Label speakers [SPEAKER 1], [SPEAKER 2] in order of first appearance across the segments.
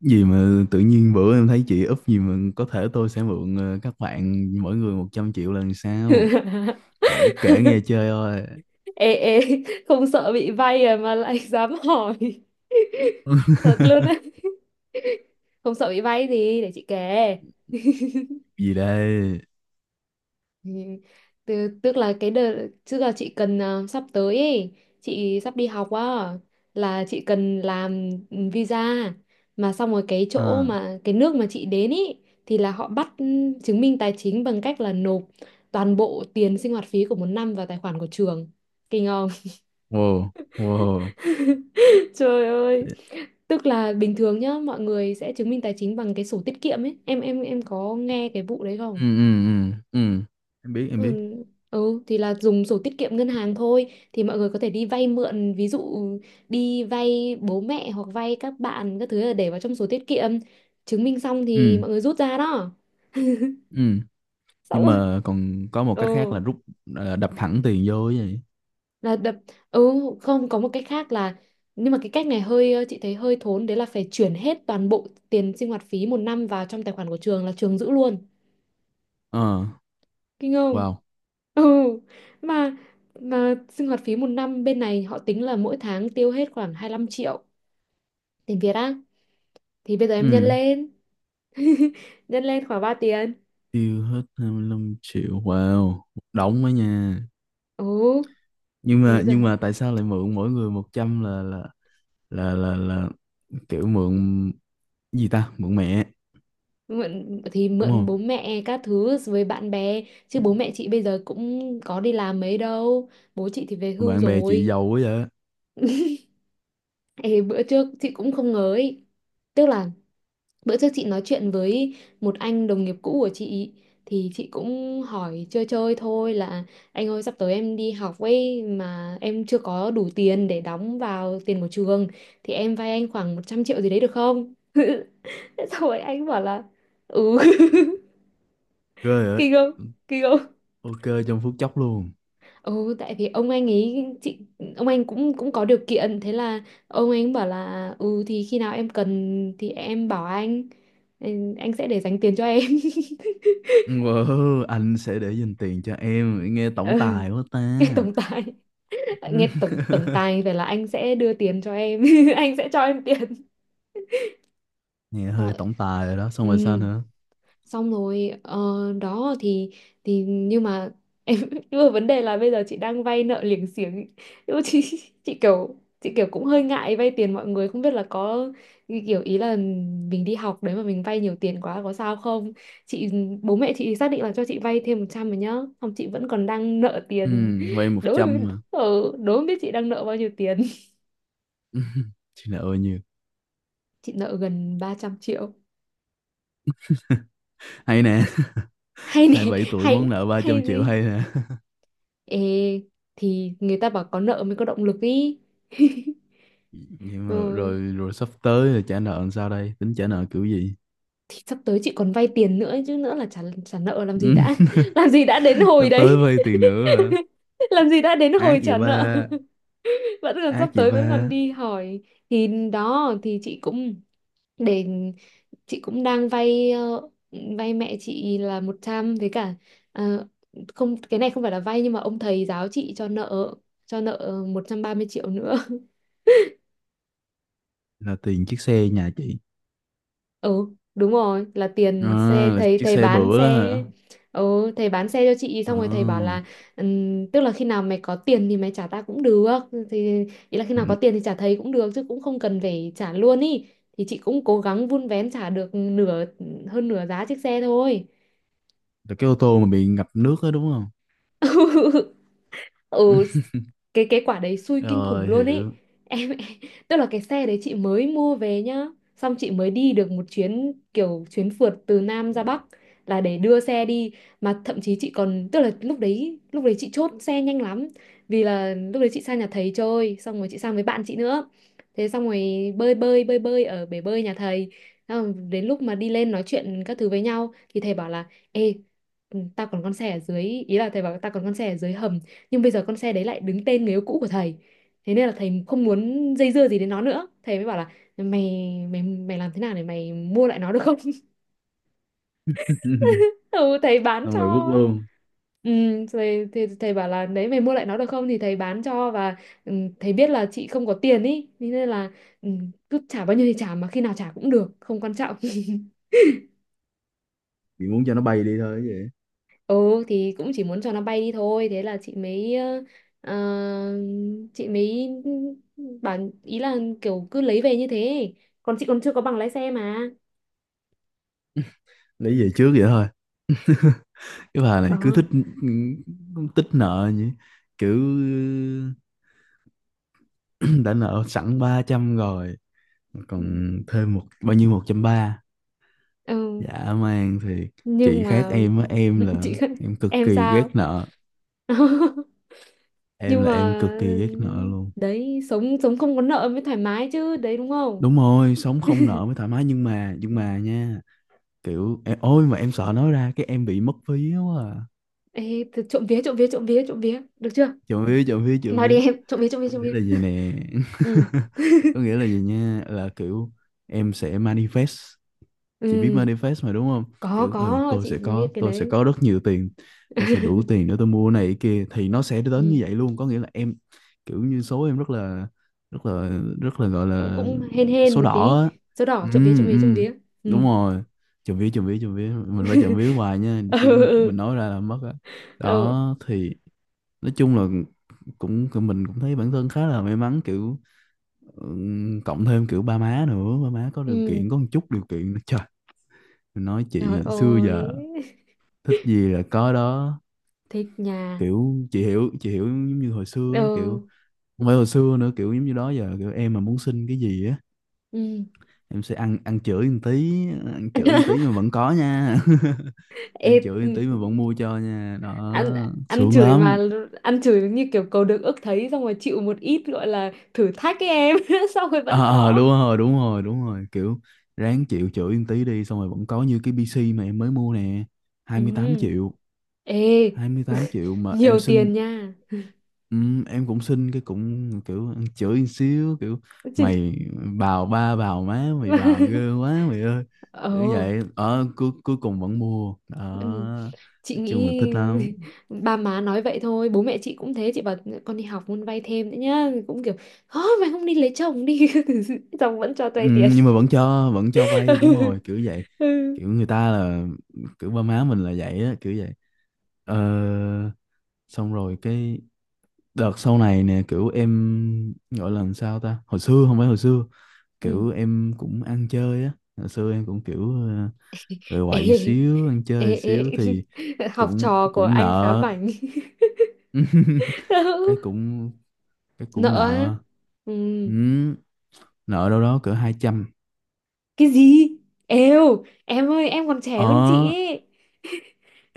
[SPEAKER 1] Gì mà tự nhiên bữa em thấy chị úp gì mà có thể tôi sẽ mượn các bạn mỗi người 100 triệu lần sau.
[SPEAKER 2] Ê,
[SPEAKER 1] Kể kể nghe chơi thôi.
[SPEAKER 2] ê, không sợ bị vay à mà lại dám hỏi? Thật luôn đấy, không sợ bị vay gì để chị kể?
[SPEAKER 1] Gì đây?
[SPEAKER 2] Thì- Tức tức là cái đợt, tức là chị cần sắp tới ấy, chị sắp đi học á, là chị cần làm visa. Mà xong rồi cái chỗ
[SPEAKER 1] À,
[SPEAKER 2] mà cái nước mà chị đến ấy thì là họ bắt chứng minh tài chính, bằng cách là nộp toàn bộ tiền sinh hoạt phí của một năm vào tài khoản của trường. Kinh không?
[SPEAKER 1] wow, wow,
[SPEAKER 2] Trời ơi.
[SPEAKER 1] ừ,
[SPEAKER 2] Tức là bình thường nhá, mọi người sẽ chứng minh tài chính bằng cái sổ tiết kiệm ấy. Em có nghe cái vụ đấy không?
[SPEAKER 1] ừ, ừ, ừ. Em biết em
[SPEAKER 2] Ừ,
[SPEAKER 1] biết,
[SPEAKER 2] ừ thì là dùng sổ tiết kiệm ngân hàng thôi, thì mọi người có thể đi vay mượn, ví dụ đi vay bố mẹ hoặc vay các bạn các thứ là để vào trong sổ tiết kiệm, chứng minh xong thì
[SPEAKER 1] ừ,
[SPEAKER 2] mọi người rút ra đó,
[SPEAKER 1] ừ.
[SPEAKER 2] xong
[SPEAKER 1] Nhưng
[SPEAKER 2] rồi.
[SPEAKER 1] mà còn có một
[SPEAKER 2] Ừ,
[SPEAKER 1] cách khác là rút, đập thẳng tiền vô ấy vậy.
[SPEAKER 2] là đập. Ừ, không, có một cách khác là, nhưng mà cái cách này hơi chị thấy hơi thốn đấy, là phải chuyển hết toàn bộ tiền sinh hoạt phí một năm vào trong tài khoản của trường, là trường giữ luôn.
[SPEAKER 1] Ờ,
[SPEAKER 2] Kinh không?
[SPEAKER 1] wow,
[SPEAKER 2] Ừ. mà mà sinh hoạt phí một năm bên này họ tính là mỗi tháng tiêu hết khoảng 25 triệu tiền Việt á, thì bây giờ em nhân
[SPEAKER 1] ừ,
[SPEAKER 2] lên, nhân lên khoảng 3 tiền.
[SPEAKER 1] tiêu hết 25 triệu, wow, đóng đó nha.
[SPEAKER 2] Ừ,
[SPEAKER 1] nhưng
[SPEAKER 2] rồi
[SPEAKER 1] mà
[SPEAKER 2] giờ
[SPEAKER 1] nhưng mà tại sao lại mượn mỗi người 100, là kiểu mượn gì ta, mượn mẹ?
[SPEAKER 2] mượn thì
[SPEAKER 1] Đúng
[SPEAKER 2] mượn bố
[SPEAKER 1] không?
[SPEAKER 2] mẹ các thứ với bạn bè, chứ bố mẹ chị bây giờ cũng có đi làm mấy đâu, bố chị thì về hưu
[SPEAKER 1] Bạn bè chị
[SPEAKER 2] rồi.
[SPEAKER 1] giàu quá vậy.
[SPEAKER 2] Ê, bữa trước chị cũng không ngờ ấy, tức là bữa trước chị nói chuyện với một anh đồng nghiệp cũ của chị, thì chị cũng hỏi chơi chơi thôi là, anh ơi sắp tới em đi học ấy, mà em chưa có đủ tiền để đóng vào tiền của trường, thì em vay anh khoảng 100 triệu gì đấy được không? Thế xong rồi anh bảo là ừ.
[SPEAKER 1] Ghê vậy.
[SPEAKER 2] Kinh không? Kinh không?
[SPEAKER 1] OK, trong phút chốc luôn.
[SPEAKER 2] Ừ, tại vì ông anh ấy chị, ông anh cũng, cũng có điều kiện, thế là ông anh bảo là ừ thì khi nào em cần thì em bảo anh, anh sẽ để dành tiền cho em.
[SPEAKER 1] Wow, anh sẽ để dành tiền cho em, nghe tổng
[SPEAKER 2] Ừ.
[SPEAKER 1] tài quá ta.
[SPEAKER 2] Nghe tổng tài. Nghe tổng tổng tài, vậy là anh sẽ đưa tiền cho em, anh sẽ cho em tiền.
[SPEAKER 1] Nghe
[SPEAKER 2] Xong
[SPEAKER 1] hơi
[SPEAKER 2] rồi,
[SPEAKER 1] tổng tài rồi đó,
[SPEAKER 2] ừ,
[SPEAKER 1] xong rồi sao nữa?
[SPEAKER 2] xong rồi, đó thì nhưng mà em nhưng mà vấn đề là bây giờ chị đang vay nợ liềng xiềng, nhưng mà chị, chị kiểu, chị kiểu cũng hơi ngại vay tiền mọi người, không biết là có, kiểu ý là mình đi học đấy mà mình vay nhiều tiền quá có sao không. Chị, bố mẹ chị xác định là cho chị vay thêm 100 rồi nhá, xong chị vẫn còn đang nợ
[SPEAKER 1] Ừ,
[SPEAKER 2] tiền.
[SPEAKER 1] vay một trăm mà.
[SPEAKER 2] Đố mà biết chị đang nợ bao nhiêu tiền.
[SPEAKER 1] Chị nợ bao nhiêu?
[SPEAKER 2] Chị nợ gần 300 triệu.
[SPEAKER 1] Hay nè.
[SPEAKER 2] Hay nè.
[SPEAKER 1] 27 tuổi
[SPEAKER 2] Hay
[SPEAKER 1] muốn nợ ba
[SPEAKER 2] hay
[SPEAKER 1] trăm
[SPEAKER 2] gì.
[SPEAKER 1] triệu hay nè.
[SPEAKER 2] Ê, thì người ta bảo có nợ mới có động lực ý.
[SPEAKER 1] Nhưng mà
[SPEAKER 2] Ừ.
[SPEAKER 1] rồi rồi sắp tới là trả nợ làm sao đây, tính trả nợ kiểu gì?
[SPEAKER 2] Thì sắp tới chị còn vay tiền nữa chứ, nữa là trả, trả nợ làm gì đã, làm gì đã đến hồi
[SPEAKER 1] Sắp tới
[SPEAKER 2] đấy.
[SPEAKER 1] vay tiền nữa hả?
[SPEAKER 2] Làm gì đã đến
[SPEAKER 1] Ác
[SPEAKER 2] hồi
[SPEAKER 1] vậy
[SPEAKER 2] trả nợ.
[SPEAKER 1] ba,
[SPEAKER 2] Vẫn còn, sắp
[SPEAKER 1] ác vậy
[SPEAKER 2] tới vẫn còn
[SPEAKER 1] ba.
[SPEAKER 2] đi hỏi. Thì đó, thì chị cũng, để chị cũng đang vay vay mẹ chị là 100, với cả ờ, không, cái này không phải là vay, nhưng mà ông thầy giáo chị cho nợ, cho nợ 130 triệu nữa.
[SPEAKER 1] Là tiền chiếc xe nhà chị.
[SPEAKER 2] Ừ, đúng rồi, là
[SPEAKER 1] À,
[SPEAKER 2] tiền xe,
[SPEAKER 1] là
[SPEAKER 2] thầy,
[SPEAKER 1] chiếc
[SPEAKER 2] thầy
[SPEAKER 1] xe
[SPEAKER 2] bán
[SPEAKER 1] bữa đó
[SPEAKER 2] xe.
[SPEAKER 1] hả?
[SPEAKER 2] Ừ, thầy bán xe cho chị, xong rồi thầy bảo
[SPEAKER 1] À,
[SPEAKER 2] là, tức là khi nào mày có tiền thì mày trả ta cũng được", thì ý là khi nào có tiền thì trả thầy cũng được, chứ cũng không cần phải trả luôn ý. Thì chị cũng cố gắng vun vén trả được nửa, hơn nửa giá chiếc xe thôi.
[SPEAKER 1] là cái ô tô mà bị ngập nước đó đúng không?
[SPEAKER 2] Ừ. Cái quả đấy xui kinh khủng
[SPEAKER 1] Rồi
[SPEAKER 2] luôn ấy
[SPEAKER 1] hiểu.
[SPEAKER 2] em. Tức là cái xe đấy chị mới mua về nhá, xong chị mới đi được một chuyến, kiểu chuyến phượt từ Nam ra Bắc, là để đưa xe đi. Mà thậm chí chị còn, tức là lúc đấy, lúc đấy chị chốt xe nhanh lắm, vì là lúc đấy chị sang nhà thầy chơi, xong rồi chị sang với bạn chị nữa. Thế xong rồi bơi bơi bơi bơi ở bể bơi nhà thầy. Xong rồi đến lúc mà đi lên nói chuyện các thứ với nhau, thì thầy bảo là, ê, ừ, tao còn con xe ở dưới, ý là thầy bảo tao còn con xe ở dưới hầm, nhưng bây giờ con xe đấy lại đứng tên người yêu cũ của thầy, thế nên là thầy không muốn dây dưa gì đến nó nữa, thầy mới bảo là mày mày mày làm thế nào để mày mua lại nó được không. Ừ, thầy bán
[SPEAKER 1] Xong rồi vứt
[SPEAKER 2] cho.
[SPEAKER 1] luôn.
[SPEAKER 2] Ừ, thầy bảo là đấy mày mua lại nó được không thì thầy bán cho, và ừ, thầy biết là chị không có tiền ý, thế nên là ừ, cứ trả bao nhiêu thì trả, mà khi nào trả cũng được, không quan trọng.
[SPEAKER 1] Chị muốn cho nó bay đi thôi chứ vậy.
[SPEAKER 2] Ừ thì cũng chỉ muốn cho nó bay đi thôi. Thế là chị mới ờ, chị mới bảo, ý là kiểu cứ lấy về như thế. Còn chị còn chưa có bằng lái xe mà.
[SPEAKER 1] Lấy về trước vậy thôi. Cái bà
[SPEAKER 2] Ờ.
[SPEAKER 1] này cứ thích tích nợ nhỉ? Kiểu đã nợ sẵn 300 rồi,
[SPEAKER 2] Ừ.
[SPEAKER 1] còn thêm một bao nhiêu, 130?
[SPEAKER 2] Ừ.
[SPEAKER 1] Dạ man thì
[SPEAKER 2] Nhưng
[SPEAKER 1] chị khác
[SPEAKER 2] mà,
[SPEAKER 1] em á. Em là
[SPEAKER 2] chị,
[SPEAKER 1] em cực
[SPEAKER 2] em
[SPEAKER 1] kỳ ghét
[SPEAKER 2] sao.
[SPEAKER 1] nợ. Em
[SPEAKER 2] Nhưng
[SPEAKER 1] là
[SPEAKER 2] mà,
[SPEAKER 1] em cực kỳ ghét nợ luôn.
[SPEAKER 2] đấy sống, sống không có nợ mới thoải mái chứ. Đấy đúng không?
[SPEAKER 1] Đúng rồi, sống không nợ mới thoải mái, nhưng mà nha, kiểu em, ôi mà em sợ nói ra cái em bị mất phí quá à.
[SPEAKER 2] Ê, thì trộm vía, trộm vía, trộm vía, trộm vía, được chưa?
[SPEAKER 1] Trộm
[SPEAKER 2] Ừ.
[SPEAKER 1] vía, trộm vía, trộm
[SPEAKER 2] Nói
[SPEAKER 1] vía.
[SPEAKER 2] đi em, trộm vía, trộm vía,
[SPEAKER 1] Có
[SPEAKER 2] trộm
[SPEAKER 1] nghĩa
[SPEAKER 2] vía.
[SPEAKER 1] là gì nè?
[SPEAKER 2] Ừ.
[SPEAKER 1] Có nghĩa là gì nha, là kiểu em sẽ manifest. Chị biết
[SPEAKER 2] Ừ,
[SPEAKER 1] manifest mà đúng không?
[SPEAKER 2] có
[SPEAKER 1] Kiểu ừ,
[SPEAKER 2] có
[SPEAKER 1] tôi
[SPEAKER 2] chị
[SPEAKER 1] sẽ
[SPEAKER 2] biết
[SPEAKER 1] có,
[SPEAKER 2] cái
[SPEAKER 1] tôi sẽ
[SPEAKER 2] đấy.
[SPEAKER 1] có rất nhiều tiền. Tôi sẽ đủ tiền để tôi mua này cái kia, thì nó sẽ đến như
[SPEAKER 2] Ừ.
[SPEAKER 1] vậy luôn. Có nghĩa là em, kiểu như số em rất là, rất là, rất là, gọi
[SPEAKER 2] Cũng,
[SPEAKER 1] là
[SPEAKER 2] cũng hên hên
[SPEAKER 1] số
[SPEAKER 2] một
[SPEAKER 1] đỏ
[SPEAKER 2] tí.
[SPEAKER 1] á.
[SPEAKER 2] Dấu đỏ,
[SPEAKER 1] Ừ,
[SPEAKER 2] trộm vía, trộm vía, trộm
[SPEAKER 1] ừ,
[SPEAKER 2] vía. Ừ.
[SPEAKER 1] đúng rồi. Chậm vía, chậm vía, chậm vía, mình phải chậm vía hoài nha,
[SPEAKER 2] Ừ,
[SPEAKER 1] chứ
[SPEAKER 2] ừ.
[SPEAKER 1] mình nói ra là mất á.
[SPEAKER 2] Ừ.
[SPEAKER 1] Đó thì nói chung là cũng cũng- mình cũng thấy bản thân khá là may mắn, kiểu cộng thêm kiểu ba má nữa, ba má có điều
[SPEAKER 2] Ừ.
[SPEAKER 1] kiện, có một chút điều kiện nữa. Trời. Tôi nói
[SPEAKER 2] Trời
[SPEAKER 1] chị xưa
[SPEAKER 2] ơi.
[SPEAKER 1] giờ thích gì là có đó.
[SPEAKER 2] Thích nhà.
[SPEAKER 1] Kiểu chị hiểu, chị hiểu giống như hồi xưa á,
[SPEAKER 2] Ừ.
[SPEAKER 1] kiểu không phải hồi xưa nữa, kiểu giống như đó giờ kiểu em mà muốn xin cái gì á,
[SPEAKER 2] Ừ.
[SPEAKER 1] em sẽ ăn ăn chửi một tí, ăn chửi một tí mà vẫn có nha. Ăn
[SPEAKER 2] Ê,
[SPEAKER 1] chửi
[SPEAKER 2] ừ,
[SPEAKER 1] một tí mà vẫn mua cho nha
[SPEAKER 2] ăn,
[SPEAKER 1] đó,
[SPEAKER 2] ăn
[SPEAKER 1] sướng
[SPEAKER 2] chửi mà.
[SPEAKER 1] lắm.
[SPEAKER 2] Ăn chửi như kiểu cầu được ước thấy, xong rồi chịu một ít gọi là thử thách ấy em, xong rồi vẫn
[SPEAKER 1] Ờ,
[SPEAKER 2] có.
[SPEAKER 1] Đúng rồi, đúng rồi, đúng rồi, kiểu ráng chịu chửi một tí đi, xong rồi vẫn có, như cái PC mà em mới mua nè, hai mươi tám
[SPEAKER 2] Ừ.
[SPEAKER 1] triệu
[SPEAKER 2] Ê,
[SPEAKER 1] 28 triệu mà em
[SPEAKER 2] nhiều
[SPEAKER 1] xin.
[SPEAKER 2] tiền nha.
[SPEAKER 1] Ừ, em cũng xin cái cũng kiểu chửi một xíu, kiểu
[SPEAKER 2] Chứ.
[SPEAKER 1] mày bào ba bào má mày, bào ghê quá mày ơi,
[SPEAKER 2] Ờ.
[SPEAKER 1] kiểu vậy, ở cuối cuối cùng vẫn mua
[SPEAKER 2] Ừ.
[SPEAKER 1] đó.
[SPEAKER 2] Chị
[SPEAKER 1] Nói chung là
[SPEAKER 2] nghĩ
[SPEAKER 1] thích lắm.
[SPEAKER 2] ba má nói vậy thôi, bố mẹ chị cũng thế, chị bảo con đi học muốn vay thêm nữa nhá, cũng kiểu thôi mày không đi lấy chồng đi, chồng vẫn cho
[SPEAKER 1] Ừ,
[SPEAKER 2] vay tiền.
[SPEAKER 1] nhưng mà vẫn cho vay đúng rồi, kiểu vậy.
[SPEAKER 2] Ừ.
[SPEAKER 1] Kiểu người ta là kiểu ba má mình là vậy á, kiểu vậy. ờ, Xong rồi cái đợt sau này nè, kiểu em gọi là làm sao ta, hồi xưa, không phải hồi xưa,
[SPEAKER 2] Ừ.
[SPEAKER 1] kiểu em cũng ăn chơi á. Hồi xưa em cũng kiểu rồi quậy
[SPEAKER 2] Ê,
[SPEAKER 1] xíu, ăn chơi
[SPEAKER 2] ê, ê.
[SPEAKER 1] xíu, thì
[SPEAKER 2] Học
[SPEAKER 1] cũng
[SPEAKER 2] trò của
[SPEAKER 1] cũng
[SPEAKER 2] anh khá
[SPEAKER 1] nợ.
[SPEAKER 2] bảnh.
[SPEAKER 1] cái
[SPEAKER 2] Ừ.
[SPEAKER 1] cũng cái
[SPEAKER 2] Nợ
[SPEAKER 1] cũng
[SPEAKER 2] á.
[SPEAKER 1] nợ.
[SPEAKER 2] Ừ.
[SPEAKER 1] Ừ, nợ đâu đó cỡ 200.
[SPEAKER 2] Cái gì? Êu em ơi, em còn trẻ hơn chị
[SPEAKER 1] Ờ,
[SPEAKER 2] ấy.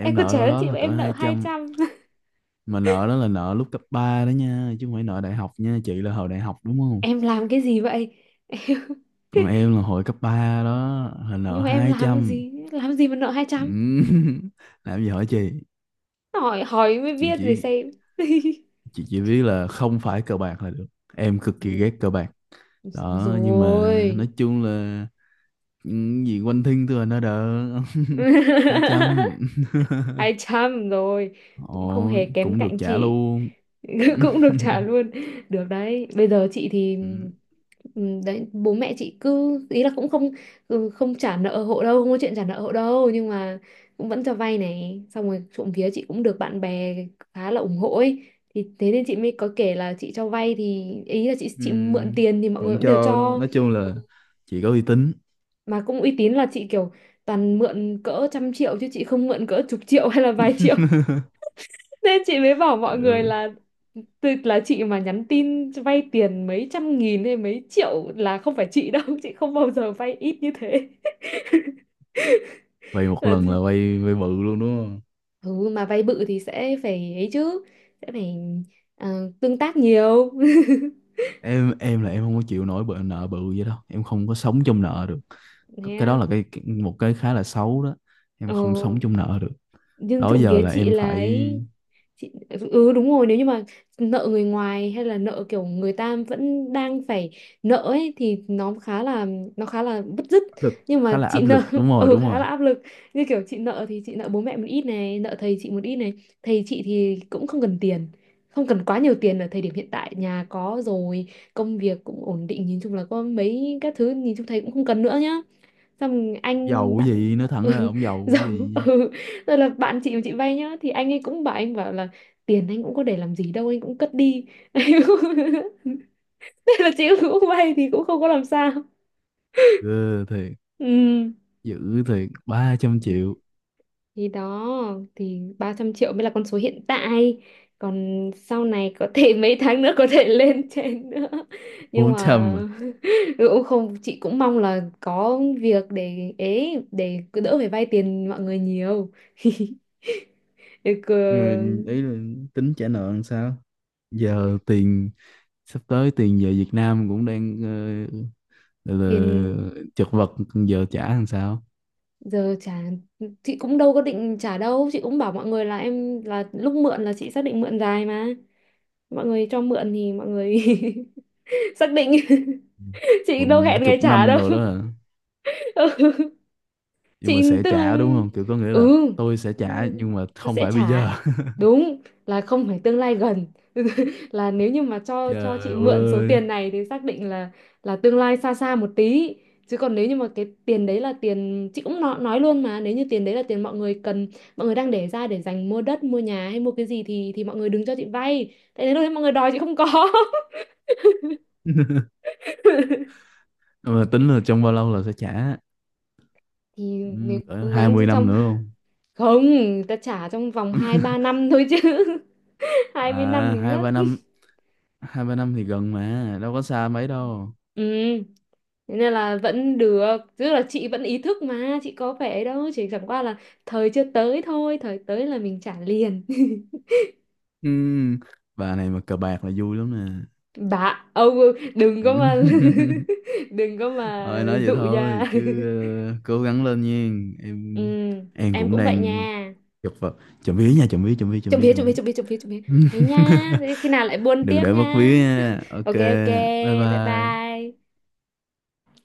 [SPEAKER 2] Em còn
[SPEAKER 1] nợ
[SPEAKER 2] trẻ
[SPEAKER 1] đâu
[SPEAKER 2] hơn
[SPEAKER 1] đó
[SPEAKER 2] chị
[SPEAKER 1] là
[SPEAKER 2] mà
[SPEAKER 1] cỡ
[SPEAKER 2] em nợ
[SPEAKER 1] hai
[SPEAKER 2] hai
[SPEAKER 1] trăm
[SPEAKER 2] trăm
[SPEAKER 1] Mà nợ đó là nợ lúc cấp 3 đó nha, chứ không phải nợ đại học nha. Chị là hồi đại học đúng không?
[SPEAKER 2] Em làm cái gì vậy?
[SPEAKER 1] Còn em là hồi cấp 3 đó, là
[SPEAKER 2] Nhưng
[SPEAKER 1] nợ
[SPEAKER 2] mà em làm cái
[SPEAKER 1] 200.
[SPEAKER 2] gì, làm gì mà nợ hai
[SPEAKER 1] Ừ.
[SPEAKER 2] trăm
[SPEAKER 1] Làm gì hỏi chị.
[SPEAKER 2] Hỏi, hỏi mới
[SPEAKER 1] chị
[SPEAKER 2] biết rồi
[SPEAKER 1] chỉ
[SPEAKER 2] xem.
[SPEAKER 1] chị chỉ biết là không phải cờ bạc là được. Em cực kỳ
[SPEAKER 2] Ừ,
[SPEAKER 1] ghét cờ bạc. Đó, nhưng mà
[SPEAKER 2] rồi.
[SPEAKER 1] nói chung là những gì quanh thiên tôi là nó đỡ. hai trăm
[SPEAKER 2] Hai trăm rồi, cũng không
[SPEAKER 1] Ồ,
[SPEAKER 2] hề kém
[SPEAKER 1] cũng được
[SPEAKER 2] cạnh
[SPEAKER 1] trả
[SPEAKER 2] chị.
[SPEAKER 1] luôn.
[SPEAKER 2] Cũng được trả luôn. Được đấy. Bây giờ chị thì
[SPEAKER 1] Ừ,
[SPEAKER 2] đấy bố mẹ chị cứ ý là cũng không, ừ, không trả nợ hộ đâu, không có chuyện trả nợ hộ đâu, nhưng mà cũng vẫn cho vay này, xong rồi trộm vía chị cũng được bạn bè khá là ủng hộ ấy. Thì thế nên chị mới có kể là chị cho vay, thì ý là chị
[SPEAKER 1] ừ,
[SPEAKER 2] chị mượn tiền thì mọi người
[SPEAKER 1] vẫn
[SPEAKER 2] cũng đều
[SPEAKER 1] cho đó.
[SPEAKER 2] cho.
[SPEAKER 1] Nói chung là chỉ có uy tín.
[SPEAKER 2] Mà cũng uy tín, là chị kiểu toàn mượn cỡ trăm triệu, chứ chị không mượn cỡ chục triệu hay là vài triệu. Nên chị mới bảo mọi người
[SPEAKER 1] Ừ,
[SPEAKER 2] là là chị mà nhắn tin vay tiền mấy trăm nghìn hay mấy triệu là không phải chị đâu, chị không bao giờ vay ít như thế.
[SPEAKER 1] vay một
[SPEAKER 2] Là
[SPEAKER 1] lần
[SPEAKER 2] gì?
[SPEAKER 1] là vay vay bự luôn đúng.
[SPEAKER 2] Ừ mà vay bự thì sẽ phải ấy chứ, sẽ phải tương tác nhiều.
[SPEAKER 1] Em là em không có chịu nổi bợ nợ bự vậy đâu, em không có sống trong nợ được. Cái đó
[SPEAKER 2] Nè.
[SPEAKER 1] là một cái khá là xấu đó, em
[SPEAKER 2] Ờ,
[SPEAKER 1] không sống trong nợ được.
[SPEAKER 2] nhưng
[SPEAKER 1] Đó
[SPEAKER 2] trộm
[SPEAKER 1] giờ
[SPEAKER 2] vía
[SPEAKER 1] là
[SPEAKER 2] chị
[SPEAKER 1] em
[SPEAKER 2] là
[SPEAKER 1] phải
[SPEAKER 2] ấy. Chị, ừ đúng rồi, nếu như mà nợ người ngoài hay là nợ kiểu người ta vẫn đang phải nợ ấy, thì nó khá là, nó khá là bứt rứt.
[SPEAKER 1] áp lực,
[SPEAKER 2] Nhưng
[SPEAKER 1] khá
[SPEAKER 2] mà
[SPEAKER 1] là
[SPEAKER 2] chị
[SPEAKER 1] áp
[SPEAKER 2] nợ,
[SPEAKER 1] lực, đúng rồi,
[SPEAKER 2] ừ
[SPEAKER 1] đúng rồi.
[SPEAKER 2] khá là áp lực, như kiểu chị nợ thì chị nợ bố mẹ một ít này, nợ thầy chị một ít này. Thầy chị thì cũng không cần tiền, không cần quá nhiều tiền ở thời điểm hiện tại, nhà có rồi, công việc cũng ổn định, nhìn chung là có mấy các thứ, nhìn chung thầy cũng không cần nữa nhá. Xong anh
[SPEAKER 1] Giàu cái
[SPEAKER 2] bạn,
[SPEAKER 1] gì, nói thẳng ra là
[SPEAKER 2] ừ,
[SPEAKER 1] ông giàu cái
[SPEAKER 2] giống.
[SPEAKER 1] gì.
[SPEAKER 2] Ừ. Rồi là bạn chị của chị vay nhá, thì anh ấy cũng bảo, anh bảo là tiền anh cũng có để làm gì đâu, anh cũng cất đi. Thế là chị cũng vay thì cũng không có làm sao.
[SPEAKER 1] Ghê thiệt.
[SPEAKER 2] Ừ.
[SPEAKER 1] Dữ thiệt, ba trăm
[SPEAKER 2] Thì
[SPEAKER 1] triệu
[SPEAKER 2] thì đó, thì 300 triệu mới là con số hiện tại, còn sau này có thể mấy tháng nữa có thể lên trên nữa, nhưng mà
[SPEAKER 1] 400 à?
[SPEAKER 2] cũng không, chị cũng mong là có việc để ấy, để cứ đỡ phải vay tiền mọi người nhiều. Được, ờ,
[SPEAKER 1] Nhưng mà ý là tính trả nợ làm sao? Giờ tiền sắp tới tiền về Việt Nam cũng đang là,
[SPEAKER 2] tiền
[SPEAKER 1] là chật vật, giờ trả làm sao?
[SPEAKER 2] giờ trả, chị cũng đâu có định trả đâu, chị cũng bảo mọi người là em, là lúc mượn là chị xác định mượn dài mà, mọi người cho mượn thì mọi người xác định, chị đâu
[SPEAKER 1] Bận
[SPEAKER 2] hẹn ngày
[SPEAKER 1] chục
[SPEAKER 2] trả
[SPEAKER 1] năm
[SPEAKER 2] đâu.
[SPEAKER 1] rồi đó hả?
[SPEAKER 2] Ừ.
[SPEAKER 1] Nhưng
[SPEAKER 2] Chị,
[SPEAKER 1] mà sẽ
[SPEAKER 2] tức là
[SPEAKER 1] trả đúng không? Kiểu có nghĩa là
[SPEAKER 2] ừ,
[SPEAKER 1] tôi sẽ trả nhưng mà không
[SPEAKER 2] sẽ
[SPEAKER 1] phải bây giờ.
[SPEAKER 2] trả, đúng, là không phải tương lai gần, là nếu như mà cho
[SPEAKER 1] Trời
[SPEAKER 2] chị mượn số
[SPEAKER 1] ơi.
[SPEAKER 2] tiền này thì xác định là tương lai xa xa một tí. Chứ còn nếu như mà cái tiền đấy là tiền, chị cũng nói luôn mà, nếu như tiền đấy là tiền mọi người cần, mọi người đang để ra để dành mua đất mua nhà hay mua cái gì, thì mọi người đừng cho chị vay, tại đến lúc đấy mọi người đòi chị không có.
[SPEAKER 1] Mà tính là trong bao lâu là sẽ trả?
[SPEAKER 2] Thì,
[SPEAKER 1] Ừ,
[SPEAKER 2] nếu
[SPEAKER 1] cỡ
[SPEAKER 2] cố gắng
[SPEAKER 1] 20 năm
[SPEAKER 2] trong,
[SPEAKER 1] nữa không?
[SPEAKER 2] không, ta trả trong vòng 2-3 năm thôi chứ, 20 năm
[SPEAKER 1] À,
[SPEAKER 2] thì ngất.
[SPEAKER 1] hai ba năm thì gần mà, đâu có xa mấy đâu.
[SPEAKER 2] Ừ, thế nên là vẫn được, tức là chị vẫn ý thức mà, chị có vẻ đâu, chỉ chẳng qua là thời chưa tới thôi, thời tới là mình trả liền.
[SPEAKER 1] Ừ, bà này mà cờ bạc là vui lắm nè.
[SPEAKER 2] Bà ông đừng có
[SPEAKER 1] Ừ.
[SPEAKER 2] mà, đừng có mà
[SPEAKER 1] Thôi nói vậy
[SPEAKER 2] dụ
[SPEAKER 1] thôi
[SPEAKER 2] nha.
[SPEAKER 1] chứ cố gắng lên nha.
[SPEAKER 2] Ừ,
[SPEAKER 1] Em em
[SPEAKER 2] em
[SPEAKER 1] cũng
[SPEAKER 2] cũng vậy
[SPEAKER 1] đang
[SPEAKER 2] nha.
[SPEAKER 1] chật vật. Chậm vía nha, chậm vía, chậm vía, chậm
[SPEAKER 2] Trộm
[SPEAKER 1] vía,
[SPEAKER 2] vía,
[SPEAKER 1] chậm
[SPEAKER 2] trộm vía,
[SPEAKER 1] vía.
[SPEAKER 2] trộm vía, trộm vía, trộm vía. Thế nha, thế khi nào lại buôn
[SPEAKER 1] Đừng
[SPEAKER 2] tiếp
[SPEAKER 1] để mất
[SPEAKER 2] nha.
[SPEAKER 1] ví nha, OK,
[SPEAKER 2] Ok, ok,
[SPEAKER 1] bye
[SPEAKER 2] bye
[SPEAKER 1] bye.
[SPEAKER 2] bye.